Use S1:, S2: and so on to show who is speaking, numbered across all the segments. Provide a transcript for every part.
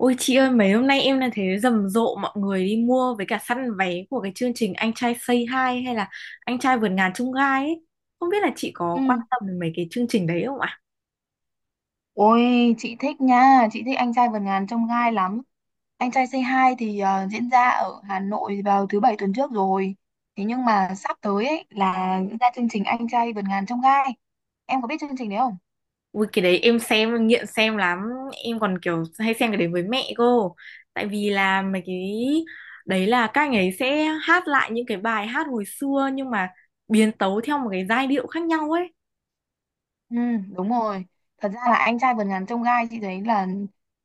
S1: Ôi chị ơi, mấy hôm nay em là thấy rầm rộ mọi người đi mua với cả săn vé của cái chương trình Anh trai Say Hi hay là Anh trai vượt ngàn chông gai ấy. Không biết là chị có quan
S2: Ừ.
S1: tâm đến mấy cái chương trình đấy không ạ?
S2: Ôi chị thích nha, chị thích anh trai vượt ngàn chông gai lắm. Anh trai Say Hi thì diễn ra ở Hà Nội vào thứ bảy tuần trước rồi. Thế nhưng mà sắp tới ấy là diễn ra chương trình anh trai vượt ngàn chông gai. Em có biết chương trình đấy không?
S1: Ui cái đấy em xem em nghiện xem lắm, em còn kiểu hay xem cái đấy với mẹ cô. Tại vì là mấy cái đấy là các anh ấy sẽ hát lại những cái bài hát hồi xưa nhưng mà biến tấu theo một cái giai điệu khác nhau ấy.
S2: Ừ, đúng rồi. Thật ra là anh trai vượt ngàn chông gai chị thấy là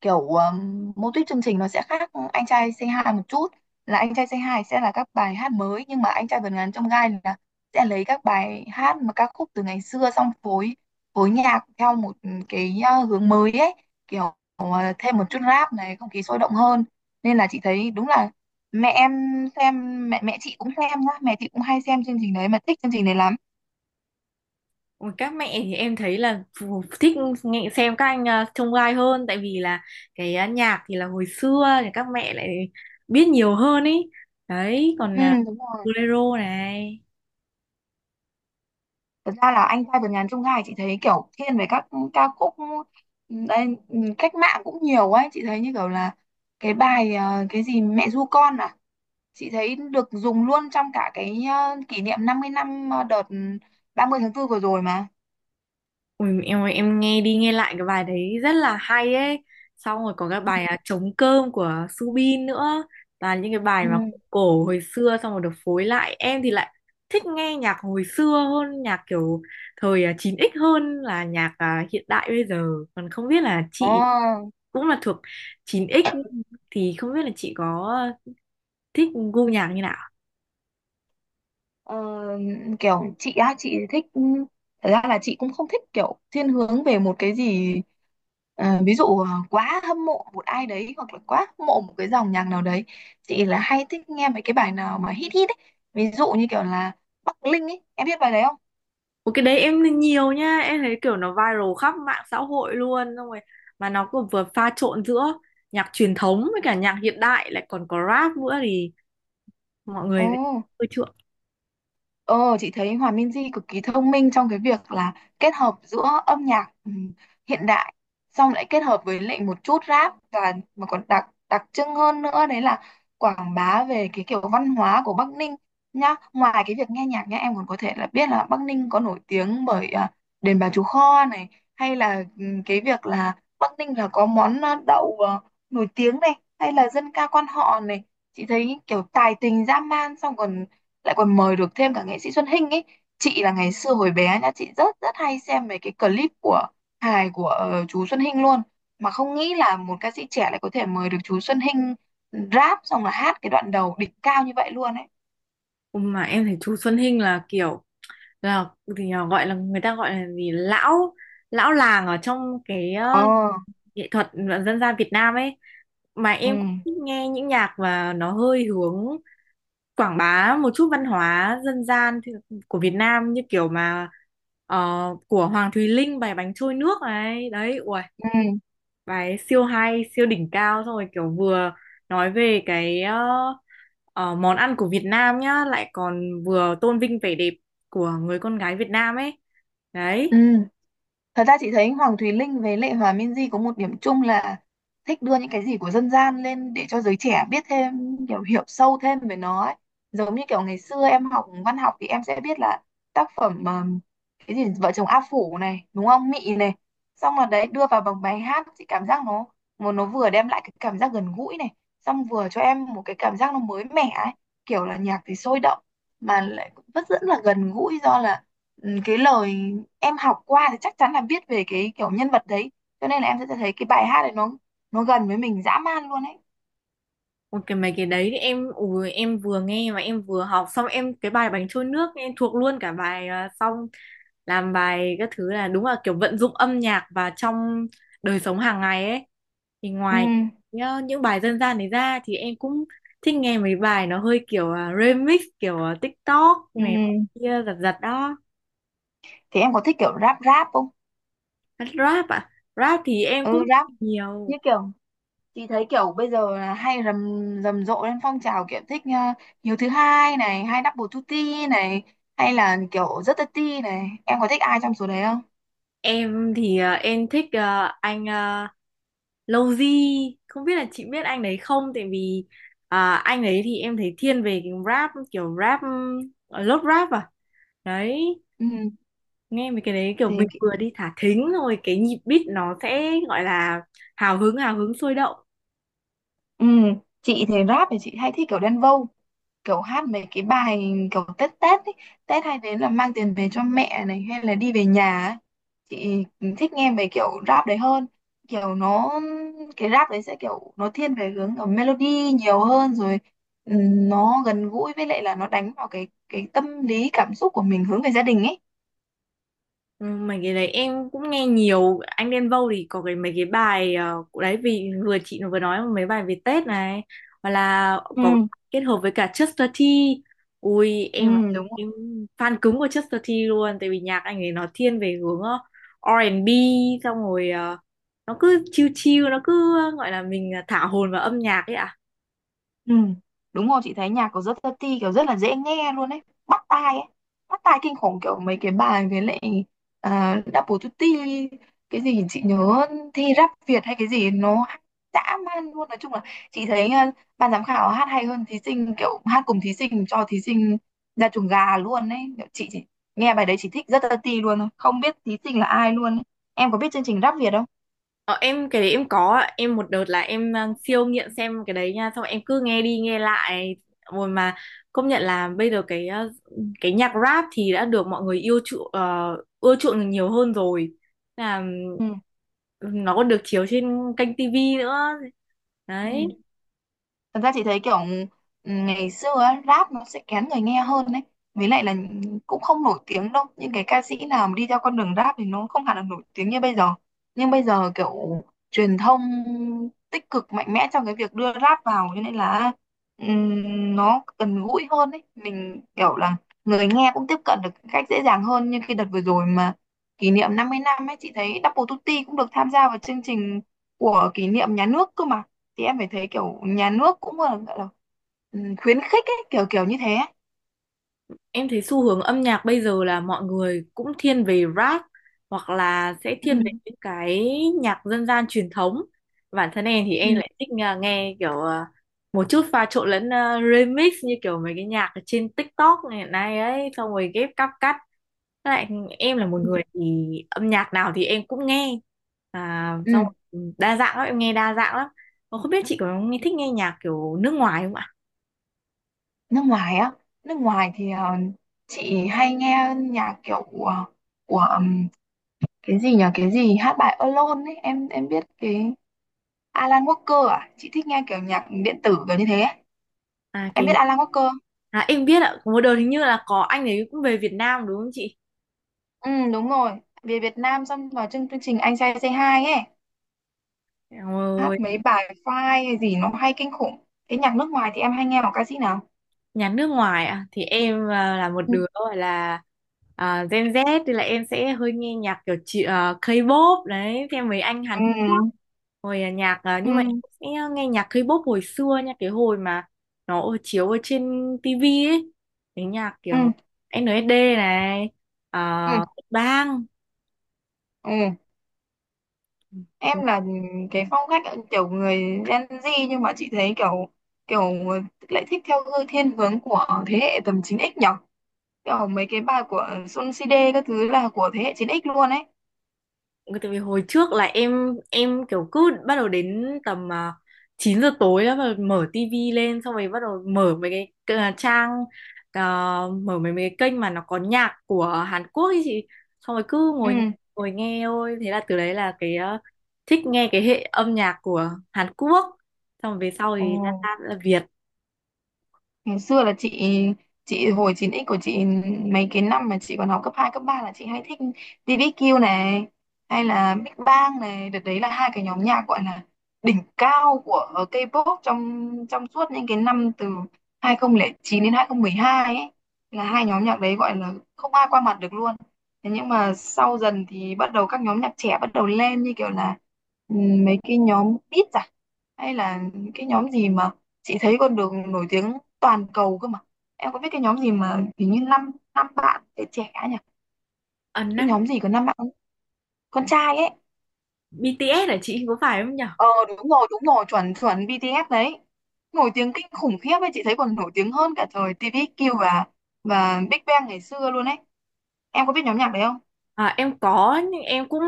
S2: kiểu mô típ chương trình nó sẽ khác anh trai Say Hi một chút. Là anh trai Say Hi sẽ là các bài hát mới nhưng mà anh trai vượt ngàn chông gai là sẽ lấy các bài hát mà ca khúc từ ngày xưa xong phối phối nhạc theo một cái hướng mới ấy, kiểu uh, thêm một chút rap này, không khí sôi động hơn. Nên là chị thấy đúng là mẹ em xem mẹ mẹ chị cũng xem nhá, mẹ chị cũng hay xem chương trình đấy mà thích chương trình đấy lắm.
S1: Ôi, các mẹ thì em thấy là thích nghe xem các anh trông gai hơn tại vì là cái nhạc thì là hồi xưa thì các mẹ lại biết nhiều hơn ý, đấy còn
S2: Ừ,
S1: là
S2: đúng rồi.
S1: bolero này.
S2: Thật ra là anh trai vượt ngàn chông gai chị thấy kiểu thiên về các ca khúc đây, cách mạng cũng nhiều ấy, chị thấy như kiểu là cái bài cái gì mẹ ru con à, chị thấy được dùng luôn trong cả cái kỷ niệm 50 năm đợt ba mươi tháng 4 vừa rồi mà.
S1: Ui, em ơi, em nghe đi nghe lại cái bài đấy rất là hay ấy. Xong rồi có cái bài Trống cơm của Subin nữa. Toàn những cái bài
S2: Ừ.
S1: mà cổ hồi xưa xong rồi được phối lại. Em thì lại thích nghe nhạc hồi xưa hơn nhạc kiểu thời 9X, hơn là nhạc hiện đại bây giờ. Còn không biết là
S2: Ồ.
S1: chị cũng là thuộc chín x thì không biết là chị có thích gu nhạc như nào?
S2: Ờ, kiểu chị á, chị thích, thật ra là chị cũng không thích kiểu thiên hướng về một cái gì, ví dụ quá hâm mộ một ai đấy hoặc là quá hâm mộ một cái dòng nhạc nào đấy, chị là hay thích nghe mấy cái bài nào mà hit hit ấy, ví dụ như kiểu là Bắc Linh ấy, em biết bài đấy không?
S1: Một cái đấy em nhìn nhiều nha. Em thấy kiểu nó viral khắp mạng xã hội luôn. Xong rồi mà nó cũng vừa pha trộn giữa nhạc truyền thống với cả nhạc hiện đại, lại còn có rap nữa thì mọi
S2: Ồ.
S1: người ưa chuộng.
S2: Ờ, chị thấy Hòa Minzy cực kỳ thông minh trong cái việc là kết hợp giữa âm nhạc hiện đại, xong lại kết hợp với lại một chút rap, và mà còn đặc đặc trưng hơn nữa, đấy là quảng bá về cái kiểu văn hóa của Bắc Ninh nhá. Ngoài cái việc nghe nhạc nhá, em còn có thể là biết là Bắc Ninh có nổi tiếng bởi đền Bà Chúa Kho này, hay là cái việc là Bắc Ninh là có món đậu nổi tiếng này, hay là dân ca quan họ này. Chị thấy kiểu tài tình dã man, xong còn lại còn mời được thêm cả nghệ sĩ Xuân Hinh ấy, chị là ngày xưa hồi bé nha, chị rất rất hay xem mấy cái clip của hài của chú Xuân Hinh luôn, mà không nghĩ là một ca sĩ trẻ lại có thể mời được chú Xuân Hinh rap xong là hát cái đoạn đầu đỉnh cao như vậy luôn ấy.
S1: Ừ, mà em thấy chú Xuân Hinh là kiểu là thì là gọi là người ta gọi là gì, lão lão làng ở trong cái
S2: Ờ.
S1: nghệ thuật dân gian Việt Nam ấy, mà
S2: Ừ,
S1: em cũng thích nghe những nhạc và nó hơi hướng quảng bá một chút văn hóa dân gian của Việt Nam như kiểu mà của Hoàng Thùy Linh bài bánh trôi nước này đấy. Ui,
S2: ừ,
S1: bài ấy siêu hay siêu đỉnh cao, xong rồi kiểu vừa nói về cái món ăn của Việt Nam nhá, lại còn vừa tôn vinh vẻ đẹp của người con gái Việt Nam ấy
S2: ừ.
S1: đấy.
S2: Thật ra chị thấy Hoàng Thùy Linh với Lệ Hòa Minzy có một điểm chung là thích đưa những cái gì của dân gian lên để cho giới trẻ biết thêm, kiểu hiểu sâu thêm về nó ấy. Giống như kiểu ngày xưa em học văn học thì em sẽ biết là tác phẩm cái gì vợ chồng A Phủ này, đúng không? Mị này. Xong rồi đấy đưa vào bằng bài hát chị cảm giác nó, một nó vừa đem lại cái cảm giác gần gũi này, xong vừa cho em một cái cảm giác nó mới mẻ ấy, kiểu là nhạc thì sôi động mà lại vẫn rất là gần gũi, do là cái lời em học qua thì chắc chắn là biết về cái kiểu nhân vật đấy, cho nên là em sẽ thấy cái bài hát này nó gần với mình dã man luôn ấy.
S1: Ôi, cái mấy cái đấy thì em ui, em vừa nghe mà em vừa học xong em cái bài bánh trôi nước em thuộc luôn cả bài xong làm bài các thứ là đúng là kiểu vận dụng âm nhạc vào trong đời sống hàng ngày ấy, thì
S2: Ừ,
S1: ngoài nhá, những bài dân gian đấy ra thì em cũng thích nghe mấy bài nó hơi kiểu remix kiểu TikTok này
S2: ừ.
S1: kia giật giật đó.
S2: Thì em có thích kiểu rap rap không?
S1: Rap à? Rap thì em cũng
S2: Ừ, rap,
S1: nhiều.
S2: như kiểu chị thấy kiểu bây giờ là hay rầm rầm rộ lên phong trào kiểu thích uh, Hiếu thứ hai này hay Double Tutti này hay là kiểu rất Tati này, em có thích ai trong số đấy không?
S1: Em thì em thích anh Lowzy, không biết là chị biết anh đấy không, tại vì anh ấy thì em thấy thiên về cái rap kiểu rap lốt rap à, đấy,
S2: Ừ,
S1: nghe mấy cái đấy kiểu mình
S2: thì
S1: vừa đi thả thính rồi cái nhịp beat nó sẽ gọi là hào hứng sôi động.
S2: ừ, chị thì rap thì chị hay thích kiểu Đen Vâu, kiểu hát mấy cái bài kiểu Tết Tết ấy. Tết hay đến là mang tiền về cho mẹ này hay là đi về nhà ấy. Chị thích nghe về kiểu rap đấy hơn, kiểu nó cái rap đấy sẽ kiểu nó thiên về hướng ở melody nhiều hơn rồi, nó gần gũi với lại là nó đánh vào cái tâm lý cảm xúc của mình hướng về gia đình ấy.
S1: Ừ, mấy cái đấy em cũng nghe nhiều. Anh Đen Vâu thì có cái mấy cái bài đấy vì vừa chị vừa nói mấy bài về Tết này, hoặc là
S2: Ừ,
S1: có kết hợp với cả Chester T. Ui
S2: ừ, đúng.
S1: em fan cứng của Chester T luôn, tại vì nhạc anh ấy nó thiên về hướng R&B, xong rồi nó cứ chill chill, nó cứ gọi là mình thả hồn vào âm nhạc ấy ạ.
S2: Ừ, đúng rồi, chị thấy nhạc của rất Tati kiểu rất là dễ nghe luôn ấy, bắt tai ấy, bắt tai kinh khủng kiểu mấy cái bài với lại Double Tutti, cái gì chị nhớ thi rap Việt hay cái gì nó hát dã man luôn, nói chung là chị thấy ban giám khảo hát hay hơn thí sinh, kiểu hát cùng thí sinh cho thí sinh ra chuồng gà luôn ấy, kiểu chị chỉ nghe bài đấy chị thích rất Tati luôn thôi, không biết thí sinh là ai luôn ấy. Em có biết chương trình rap Việt không?
S1: Ờ, em cái đấy em có ạ. Em một đợt là em siêu nghiện xem cái đấy nha, xong em cứ nghe đi nghe lại rồi, mà công nhận là bây giờ cái cái nhạc rap thì đã được mọi người yêu chuộng ưa chuộng nhiều hơn rồi, là
S2: Ừ.
S1: nó còn được chiếu trên kênh tivi nữa đấy.
S2: Ừ. Thật ra chị thấy kiểu ngày xưa á, rap nó sẽ kén người nghe hơn đấy. Với lại là cũng không nổi tiếng đâu. Những cái ca sĩ nào mà đi theo con đường rap thì nó không hẳn là nổi tiếng như bây giờ. Nhưng bây giờ kiểu truyền thông tích cực mạnh mẽ trong cái việc đưa rap vào, cho nên là nó gần gũi hơn đấy. Mình kiểu là người nghe cũng tiếp cận được một cách dễ dàng hơn, như khi đợt vừa rồi mà kỷ niệm 50 năm ấy, chị thấy Double Tutti cũng được tham gia vào chương trình của kỷ niệm nhà nước cơ mà, thì em phải thấy kiểu nhà nước cũng là, gọi là, khuyến khích ấy, kiểu kiểu như thế ấy.
S1: Em thấy xu hướng âm nhạc bây giờ là mọi người cũng thiên về rap hoặc là sẽ thiên
S2: Ừ,
S1: về những cái nhạc dân gian truyền thống. Bản thân em thì
S2: ừ.
S1: em lại thích nghe kiểu một chút pha trộn lẫn remix như kiểu mấy cái nhạc ở trên TikTok hiện nay ấy, xong rồi ghép cắt. Với lại em là một
S2: Ừ.
S1: người thì âm nhạc nào thì em cũng nghe. À,
S2: Ừ.
S1: xong rồi đa dạng lắm, em nghe đa dạng lắm. Mà không biết chị có thích nghe nhạc kiểu nước ngoài không ạ?
S2: Nước ngoài á, nước ngoài thì chị hay nghe nhạc kiểu của cái gì nhỉ, cái gì hát bài Alone ấy, em biết cái Alan Walker à, chị thích nghe kiểu nhạc điện tử kiểu như thế ấy.
S1: À,
S2: Em
S1: cái
S2: biết Alan Walker không?
S1: à, em biết ạ, có một đợt hình như là có anh ấy cũng về Việt Nam đúng không chị?
S2: Ừ, đúng rồi, về Việt Nam xong vào chương chương trình Anh Trai Say Hi ấy,
S1: Rồi,
S2: hát mấy bài file hay gì nó hay kinh khủng, thế nhạc nước ngoài thì em hay nghe một ca sĩ nào?
S1: nhà nước ngoài ạ, thì em là một
S2: Ừ.
S1: đứa gọi là Gen Z thì là em sẽ hơi nghe nhạc kiểu chị K-pop đấy, theo mấy anh Hàn Quốc.
S2: Ừ,
S1: Hồi nhạc à,
S2: ừ,
S1: nhưng mà em sẽ nghe nhạc K-pop hồi xưa nha, cái hồi mà nó chiếu ở trên TV ấy. Cái nhạc kiểu
S2: ừ,
S1: NSD này,
S2: ừ,
S1: Bang,
S2: ừ. Em là cái phong cách kiểu người Gen Z, nhưng mà chị thấy kiểu kiểu lại thích theo hư thiên hướng của thế hệ tầm 9X nhở, kiểu mấy cái bài của Sun CD các thứ là của thế hệ 9X luôn ấy.
S1: ừ, tại vì hồi trước là em kiểu cứ bắt đầu đến tầm 9 giờ tối đó mà mở tivi lên, xong rồi bắt đầu mở mấy cái trang à, mở mấy mấy cái kênh mà nó có nhạc của Hàn Quốc ấy chị, xong rồi cứ ngồi ngồi nghe thôi, thế là từ đấy là cái thích nghe cái hệ âm nhạc của Hàn Quốc, xong rồi về sau
S2: Ừ,
S1: thì là Việt
S2: ngày xưa là chị hồi 9X của chị, mấy cái năm mà chị còn học cấp 2 cấp 3 là chị hay thích ti vi kiu này hay là Big Bang này, đợt đấy là hai cái nhóm nhạc gọi là đỉnh cao của K-pop trong trong suốt những cái năm từ 2009 đến 2012 ấy, là hai nhóm nhạc đấy gọi là không ai qua mặt được luôn. Thế nhưng mà sau dần thì bắt đầu các nhóm nhạc trẻ bắt đầu lên, như kiểu là ừ, mấy cái nhóm Beat hay là cái nhóm gì mà chị thấy con đường nổi tiếng toàn cầu cơ mà, em có biết cái nhóm gì mà hình như năm năm bạn trẻ trẻ nhỉ,
S1: à,
S2: cái
S1: năm
S2: nhóm gì có năm bạn con trai ấy?
S1: BTS hả chị, có phải không nhỉ?
S2: Ờ, đúng rồi, đúng rồi, chuẩn chuẩn, BTS đấy, nổi tiếng kinh khủng khiếp ấy, chị thấy còn nổi tiếng hơn cả thời TVXQ và Big Bang ngày xưa luôn ấy, em có biết nhóm nhạc đấy không?
S1: À, em có, nhưng em cũng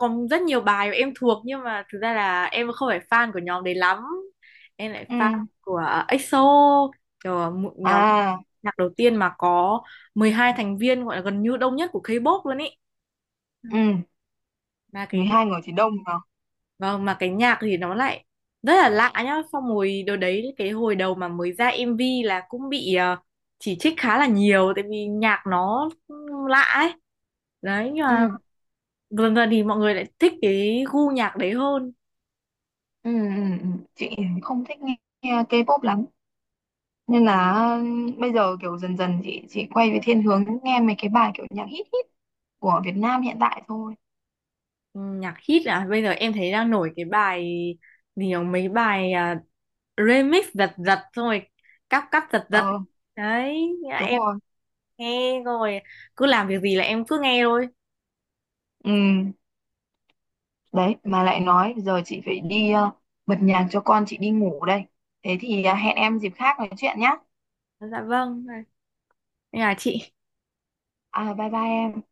S1: còn rất nhiều bài mà em thuộc, nhưng mà thực ra là em không phải fan của nhóm đấy lắm, em lại
S2: Ừ.
S1: fan của EXO, kiểu một nhóm
S2: À.
S1: nhạc đầu tiên mà có 12 thành viên, gọi là gần như đông nhất của K-pop luôn ý. Ừ,
S2: Ừ.
S1: mà cái
S2: mười
S1: nhạc
S2: hai người thì đông mà.
S1: vâng, mà cái nhạc thì nó lại rất là lạ nhá, xong rồi đợt đấy cái hồi đầu mà mới ra MV là cũng bị chỉ trích khá là nhiều, tại vì nhạc nó lạ ấy đấy, nhưng
S2: Ừ,
S1: mà gần gần thì mọi người lại thích cái gu nhạc đấy hơn.
S2: ừ, ừ, ừ. Chị không thích nghe K-pop lắm nên là bây giờ kiểu dần dần chị quay về thiên hướng nghe mấy cái bài kiểu nhạc hit hit của Việt Nam hiện tại thôi.
S1: Ừ, nhạc hit à, bây giờ em thấy đang nổi cái bài gì nhỉ? Mấy bài remix giật giật xong rồi cắp cắp giật giật
S2: Ờ,
S1: đấy, thế là
S2: đúng
S1: em
S2: rồi.
S1: nghe rồi cứ làm việc gì là em cứ nghe thôi.
S2: Ừ, đấy mà lại nói giờ chị phải đi bật nhạc cho con chị đi ngủ đây, thế thì hẹn em dịp khác nói chuyện nhá.
S1: Dạ vâng, nên là chị
S2: À, bye bye em.